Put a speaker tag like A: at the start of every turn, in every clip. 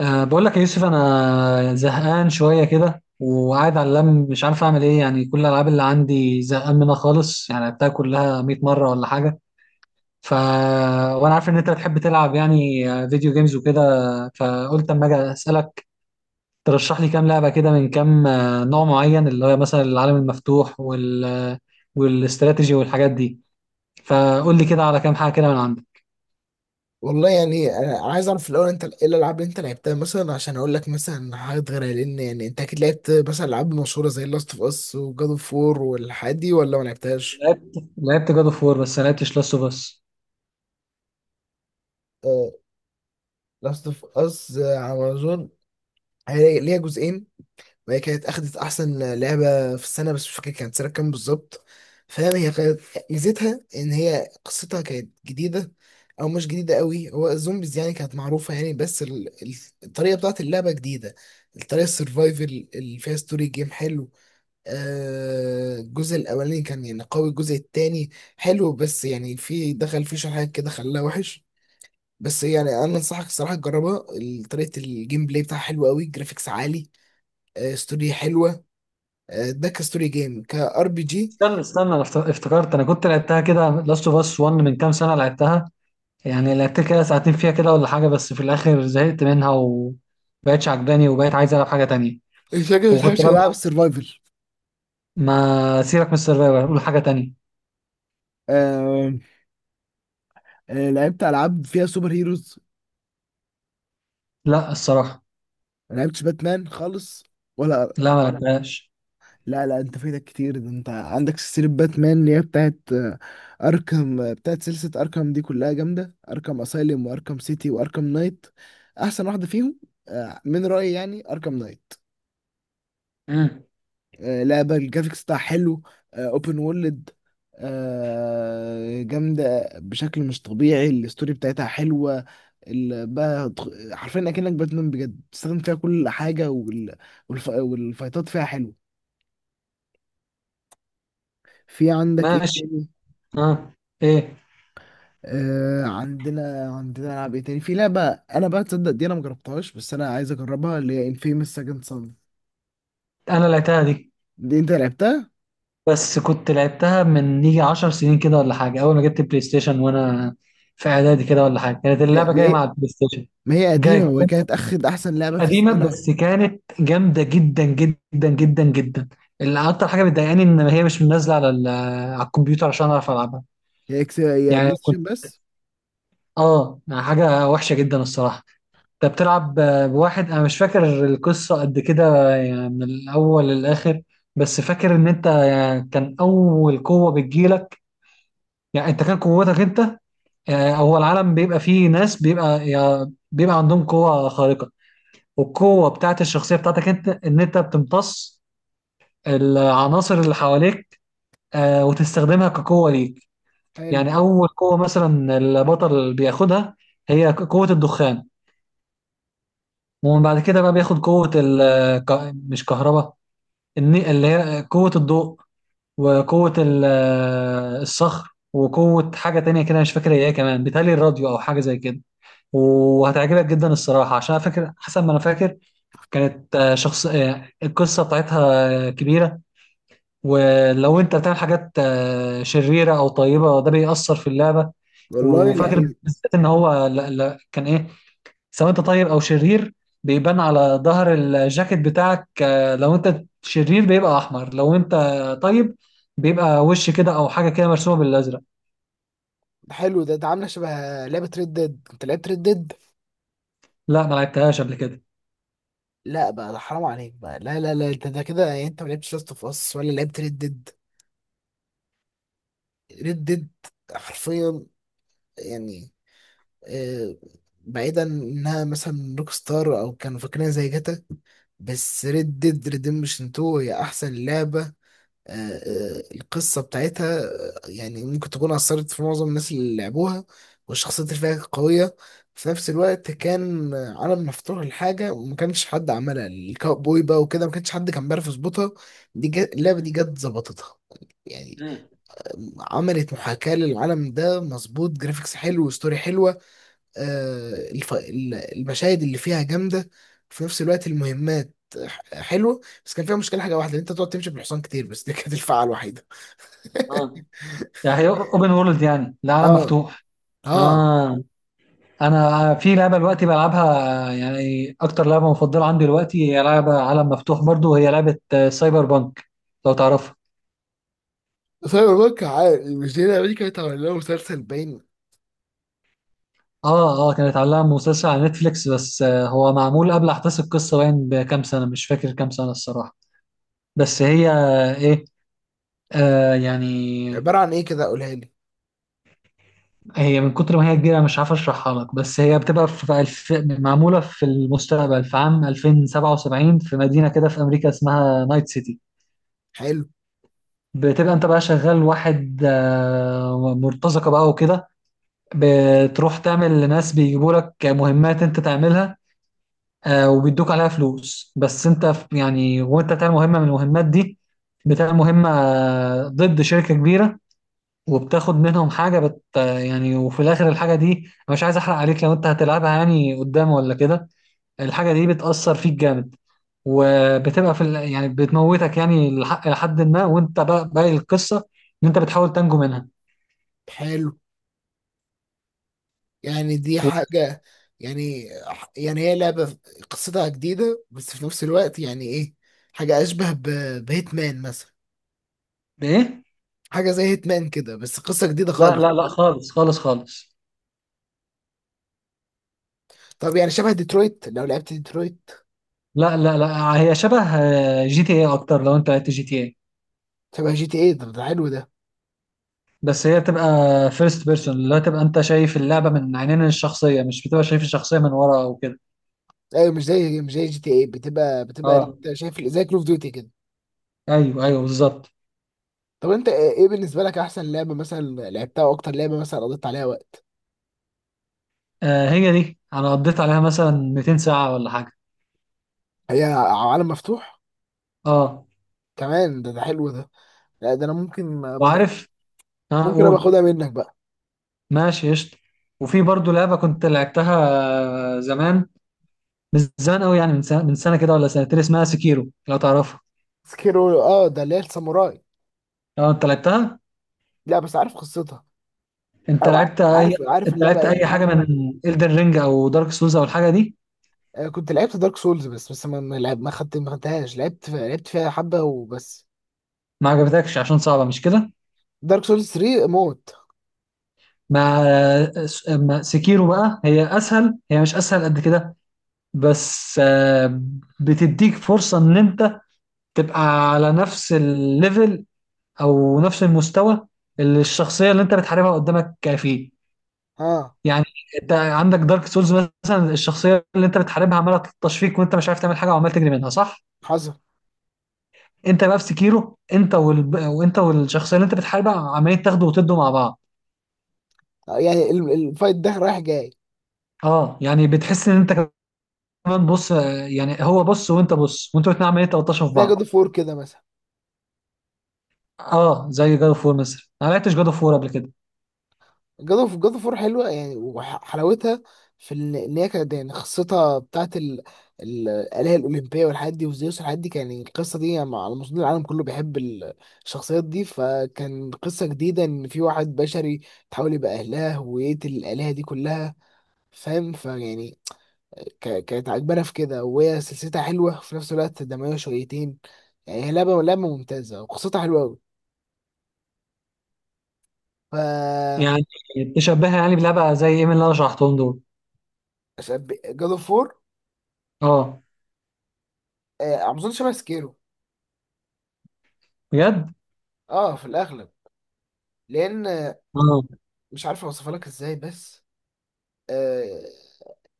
A: بقول لك يا يوسف، انا زهقان شويه كده وقاعد على اللم، مش عارف اعمل ايه. يعني كل الالعاب اللي عندي زهقان منها خالص، يعني لعبتها كلها 100 مره ولا حاجه. ف وانا عارف ان انت بتحب تلعب، يعني فيديو جيمز وكده. فقلت اما اجي اسالك ترشح لي كام لعبه كده، من كام نوع معين، اللي هو مثلا العالم المفتوح والاستراتيجي والحاجات دي. فقول لي كده على كام حاجه كده من عندك.
B: والله يعني أنا عايز اعرف الاول انت ايه الالعاب اللي انت لعبتها مثلا عشان اقول لك مثلا حاجات غيرها لان يعني انت اكيد لعبت مثلا العاب مشهوره زي لاست اوف اس وجاد اوف وور والحاجات دي ولا ما لعبتهاش؟
A: لعبت جاد اوف وور، بس ما لعبتش لاست اوف اس.
B: لاست اوف اس على امازون. هي ليها جزئين، وهي كانت أخدت أحسن لعبة في السنة بس مش فاكر كانت سنة كام بالظبط. فاهم، هي كانت ميزتها إن هي قصتها كانت جديدة، أو مش جديدة قوي، هو الزومبيز يعني كانت معروفة يعني، بس الطريقة بتاعت اللعبة جديدة، الطريقة السرفايفل اللي فيها ستوري جيم حلو. الجزء الأولاني كان يعني قوي. الجزء التاني حلو بس يعني في، دخل فيه شوية حاجات كده خلاها وحش، بس يعني أنا أنصحك الصراحة تجربها. طريقة الجيم بلاي بتاعها حلوة قوي، جرافيكس عالي، ستوري حلوة، ده كستوري جيم كار بي جي.
A: استنى استنى، انا افتكرت انا كنت لعبتها كده، لاست اوف اس 1، من كام سنه لعبتها. يعني لعبت كده ساعتين فيها كده ولا حاجه، بس في الاخر زهقت منها وبقتش عجباني، وبقيت عايز العب حاجه تانية.
B: مش فاكر، مش
A: وكنت
B: عارف،
A: بقى
B: العاب سرفايفل.
A: ما سيرك من السرفايفر، قول حاجه تانية.
B: آه، لعبت العاب فيها سوبر هيروز.
A: لا الصراحه،
B: ما لعبتش باتمان خالص، ولا،
A: لا ما ولا لعبتهاش.
B: لا لا انت فايتك كتير، ده انت عندك سلسله باتمان اللي هي بتاعت اركم، بتاعت سلسله اركم دي كلها جامده، اركم اسايلم واركم سيتي واركم نايت. احسن واحده فيهم من رايي يعني اركم نايت.
A: امم.
B: لعبة الجرافيكس بتاعها حلو، اوبن وورلد، جامدة بشكل مش طبيعي. الستوري بتاعتها حلوة، ال- بقى تخ- حرفيا اكنك باتمان بجد، بتستخدم فيها كل حاجة، والفايتات فيها حلوة. في عندك ايه
A: ماشي.
B: تاني؟
A: اه. ايه.
B: آه، عندنا العاب ايه تاني. في لعبة انا بقى تصدق دي انا مجربتهاش بس انا عايز اجربها، اللي هي انفيمس سكند صن.
A: انا لعبتها دي،
B: دي انت لعبتها؟
A: بس كنت لعبتها من يجي 10 سنين كده ولا حاجه، اول ما جبت بلاي ستيشن وانا في اعدادي كده ولا حاجه، كانت
B: ما ما
A: اللعبه جايه
B: هي
A: مع البلاي ستيشن.
B: ما هي قديمة
A: جاي.
B: وكانت اخد احسن لعبة في
A: قديمة
B: السنة.
A: بس كانت جامدة جدا جدا جدا جدا. اللي أكتر حاجة بتضايقاني إن هي مش نازلة على على الكمبيوتر عشان أعرف ألعبها.
B: هي اكس، هي
A: يعني
B: بلاي
A: كنت،
B: ستيشن بس.
A: يعني حاجة وحشة جدا الصراحة. أنت بتلعب بواحد، أنا مش فاكر القصة قد كده يعني من الأول للآخر، بس فاكر إن أنت، يعني كان أول قوة بتجيلك، يعني أنت كان قوتك أنت. يعني هو العالم بيبقى فيه ناس بيبقى، يعني بيبقى عندهم قوة خارقة، والقوة بتاعت الشخصية بتاعتك أنت إن أنت بتمتص العناصر اللي حواليك وتستخدمها كقوة ليك.
B: حلو.
A: يعني أول قوة مثلا البطل بياخدها، هي قوة الدخان. ومن بعد كده بقى بياخد قوة مش كهرباء، اللي هي قوة الضوء، وقوة الصخر، وقوة حاجة تانية كده مش فاكر هي إيه كمان، بيتهيألي الراديو أو حاجة زي كده. وهتعجبك جدا الصراحة، عشان أنا فاكر، حسب ما أنا فاكر كانت آه، شخص آه، القصة بتاعتها كبيرة. ولو انت بتعمل حاجات شريره او طيبه، ده بيأثر في اللعبه.
B: والله
A: وفاكر
B: يعني،
A: بالذات ان هو، لا لا، كان ايه، سواء انت طيب او شرير، بيبان على ظهر الجاكيت بتاعك. لو انت شرير بيبقى احمر، لو انت طيب بيبقى وش كده او حاجه كده مرسومه بالازرق.
B: حلو ده، ده عامله شبه لعبه ريد ديد. انت لعبت ريد ديد؟
A: لا ما لعبتهاش قبل كده.
B: لا بقى، ده حرام عليك بقى. لا انت ده كده يعني انت ما لعبتش لاست اوف اس ولا لعبت ريد ديد. ريد ديد حرفيا، يعني، آه، بعيدا انها مثلا روك ستار او كانوا فاكرينها زي جاتا، بس ريد ديد ريديمشن 2 هي احسن لعبه. آه، القصة بتاعتها يعني ممكن تكون أثرت في معظم الناس اللي لعبوها، والشخصيات اللي فيها قوية. في نفس الوقت كان عالم مفتوح لحاجة وما كانش حد عملها، الكاوبوي بقى وكده ما كانش حد كان بيعرف يظبطها. دي جت اللعبة دي
A: مم.
B: جت ظبطتها، يعني
A: مم.
B: عملت محاكاة للعالم ده مظبوط، جرافيكس حلو وستوري حلوة. المشاهد اللي فيها جامدة. في نفس الوقت المهمات حلوة، بس كان فيها مشكلة حاجة واحدة، إن أنت تقعد تمشي بالحصان كتير، بس دي كانت الفعة الوحيدة.
A: اه، يعني هي اوبن وورلد، يعني العالم
B: اه،
A: مفتوح.
B: اه.
A: اه. انا في لعبه دلوقتي بلعبها، يعني اكتر لعبه مفضله عندي دلوقتي هي لعبه عالم مفتوح برضو، وهي لعبه سايبر بانك، لو تعرفها.
B: سايبر بانك، عارف، مش دي اللي كانت عامله له مسلسل باين؟
A: اه، اه، كانت عليها مسلسل على نتفليكس، بس هو معمول قبل احداث القصه باين بكام سنه، مش فاكر كام سنه الصراحه. بس هي ايه، يعني
B: عباره عن ايه كده، قولها لي.
A: هي من كتر ما هي كبيره مش عارف اشرحها لك، بس هي بتبقى في معموله في المستقبل في عام 2077، في مدينه كده في امريكا اسمها نايت سيتي.
B: حلو.
A: بتبقى انت بقى شغال واحد مرتزقة بقى وكده، بتروح تعمل لناس بيجيبوا لك مهمات انت تعملها وبيدوك عليها فلوس. بس انت يعني، وانت بتعمل مهمة من المهمات دي، بتعمل مهمة ضد شركة كبيرة، وبتاخد منهم حاجة بت آه، يعني. وفي الآخر الحاجة دي أنا مش عايز أحرق عليك لو أنت هتلعبها يعني قدام ولا كده. الحاجة دي بتأثر فيك جامد، وبتبقى في يعني بتموتك يعني لحد ما، وانت بقى باقي القصة ان انت بتحاول تنجو منها.
B: حلو يعني، دي
A: و...
B: حاجه يعني، يعني هي لعبه قصتها جديده بس في نفس الوقت يعني ايه، حاجه اشبه بهيتمان مثلا.
A: ايه.
B: حاجه زي هيتمان كده بس قصه جديده
A: لا
B: خالص.
A: لا لا، خالص خالص خالص.
B: طب يعني شبه ديترويت، لو لعبت ديترويت.
A: لا لا لا، هي شبه جي تي اي اكتر، لو انت لعبت جي تي اي،
B: شبه جي تي ايه، ده ده حلو ده.
A: بس هي بتبقى فيرست بيرسون، اللي هو تبقى انت شايف اللعبة من عينين الشخصية، مش بتبقى شايف الشخصية من ورا او كده.
B: ايوه، مش زي جي تي ايه، بتبقى
A: اه،
B: أنت شايف زي كول اوف ديوتي كده.
A: ايوه ايوه بالظبط.
B: طب انت ايه، إيه بالنسبه لك احسن لعبه مثلا لعبتها، واكتر لعبه مثلا قضيت عليها وقت.
A: هي دي انا قضيت عليها مثلا 200 ساعة ولا حاجة.
B: هي عالم مفتوح
A: اه.
B: كمان، ده ده حلو ده. لا ده انا ممكن أبقى،
A: وعارف. اه،
B: ممكن ابقى
A: قول.
B: اخدها منك بقى.
A: ماشي قشطة. وفي برضه لعبة كنت لعبتها زمان، مش زمان قوي، يعني من سنة، كده ولا سنتين، اسمها سكيرو لو تعرفها.
B: سكيرو، اه، ده اللي هي الساموراي.
A: لو انت لعبتها،
B: لا بس عارف قصتها،
A: انت
B: او
A: لعبت
B: ع-
A: اي
B: عارف، عارف
A: انت
B: اللعبه
A: لعبت اي
B: يعني،
A: حاجة
B: عارف.
A: من إلدن رينج او دارك سولز او الحاجة دي؟
B: كنت لعبت دارك سولز بس، بس ما خدتهاش، لعبت فيها حبه وبس.
A: ما عجبتكش عشان صعبة مش كده؟
B: دارك سولز 3 موت.
A: مع، سكيرو بقى هي اسهل، هي مش اسهل قد كده، بس بتديك فرصة ان انت تبقى على نفس الليفل او نفس المستوى اللي الشخصية اللي انت بتحاربها قدامك فيه.
B: اه،
A: يعني انت عندك دارك سولز مثلا، الشخصيه اللي انت بتحاربها عماله تلطش فيك وانت مش عارف تعمل حاجه وعمال تجري منها، صح؟
B: حصل.
A: انت بقى في سكيرو، انت وانت والشخصيه اللي انت بتحاربها عمالين تاخدوا وتدوا مع بعض.
B: يعني الفايت ده رايح جاي،
A: اه، يعني بتحس ان انت كمان بص، يعني هو بص وانت بص وانتوا الاتنين عمالين تلطشوا في
B: زي جود
A: بعض.
B: اوف وور كده مثلا.
A: اه، زي جاد اوف وور مثلا، انا ما لعبتش جاد اوف وور قبل كده.
B: جاد اوف وور حلوه يعني، وحلاوتها في ان، إن هي كانت يعني قصتها بتاعت الآلهة الأولمبية والحاجات دي وزيوس والحاجات دي، كان يعني القصة دي يعني على مستوى العالم كله بيحب الشخصيات دي. فكان قصة جديدة، إن في واحد بشري تحاول يبقى أهلها ويقتل الآلهة دي كلها. فاهم، فيعني كانت عجبانة في كده، وهي سلسلتها حلوة، في نفس الوقت دموية شويتين. يعني هي لعبة ممتازة وقصتها حلوة أوي. ف
A: يعني تشبهها يعني بلعبه زي ايه من اللي انا شرحتهم دول؟
B: جاد اوف وور
A: اه.
B: على مستوى شبه سكيرو.
A: بجد؟
B: اه في الاغلب، لان
A: اه.
B: مش عارف اوصفها لك ازاي بس، آه،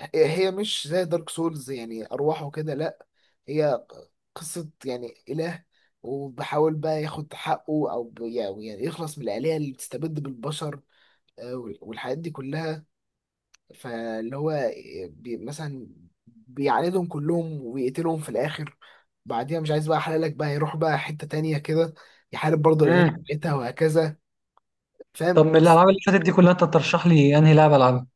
B: هي مش زي دارك سولز يعني ارواحه كده، لا، هي قصة يعني اله، وبحاول بقى ياخد حقه او يعني يخلص من الآلهة اللي بتستبد بالبشر، والحاجات دي كلها. فاللي هو بي مثلا بيعاندهم كلهم ويقتلهم في الآخر. بعديها مش عايز بقى احللك بقى يروح بقى حتة تانية كده، يحارب برضه الآلهة
A: امم.
B: بتاعتها وهكذا.
A: طب
B: فاهم.
A: من الالعاب اللي فاتت دي كلها انت ترشح لي انهي لعبه العبها؟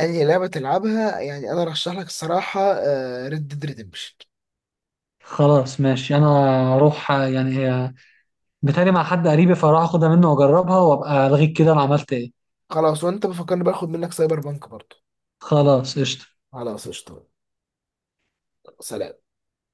B: انهي لعبة تلعبها، يعني انا رشح لك الصراحة ريد ديد ريدمشن.
A: خلاص ماشي، انا اروح يعني، بتهيألي مع حد قريبي، فراح اخدها منه واجربها وابقى الغيك كده انا عملت ايه.
B: خلاص، وانت بفكرني باخد منك سايبر بانك برضو.
A: خلاص قشطة.
B: خلاص قشطة. سلام.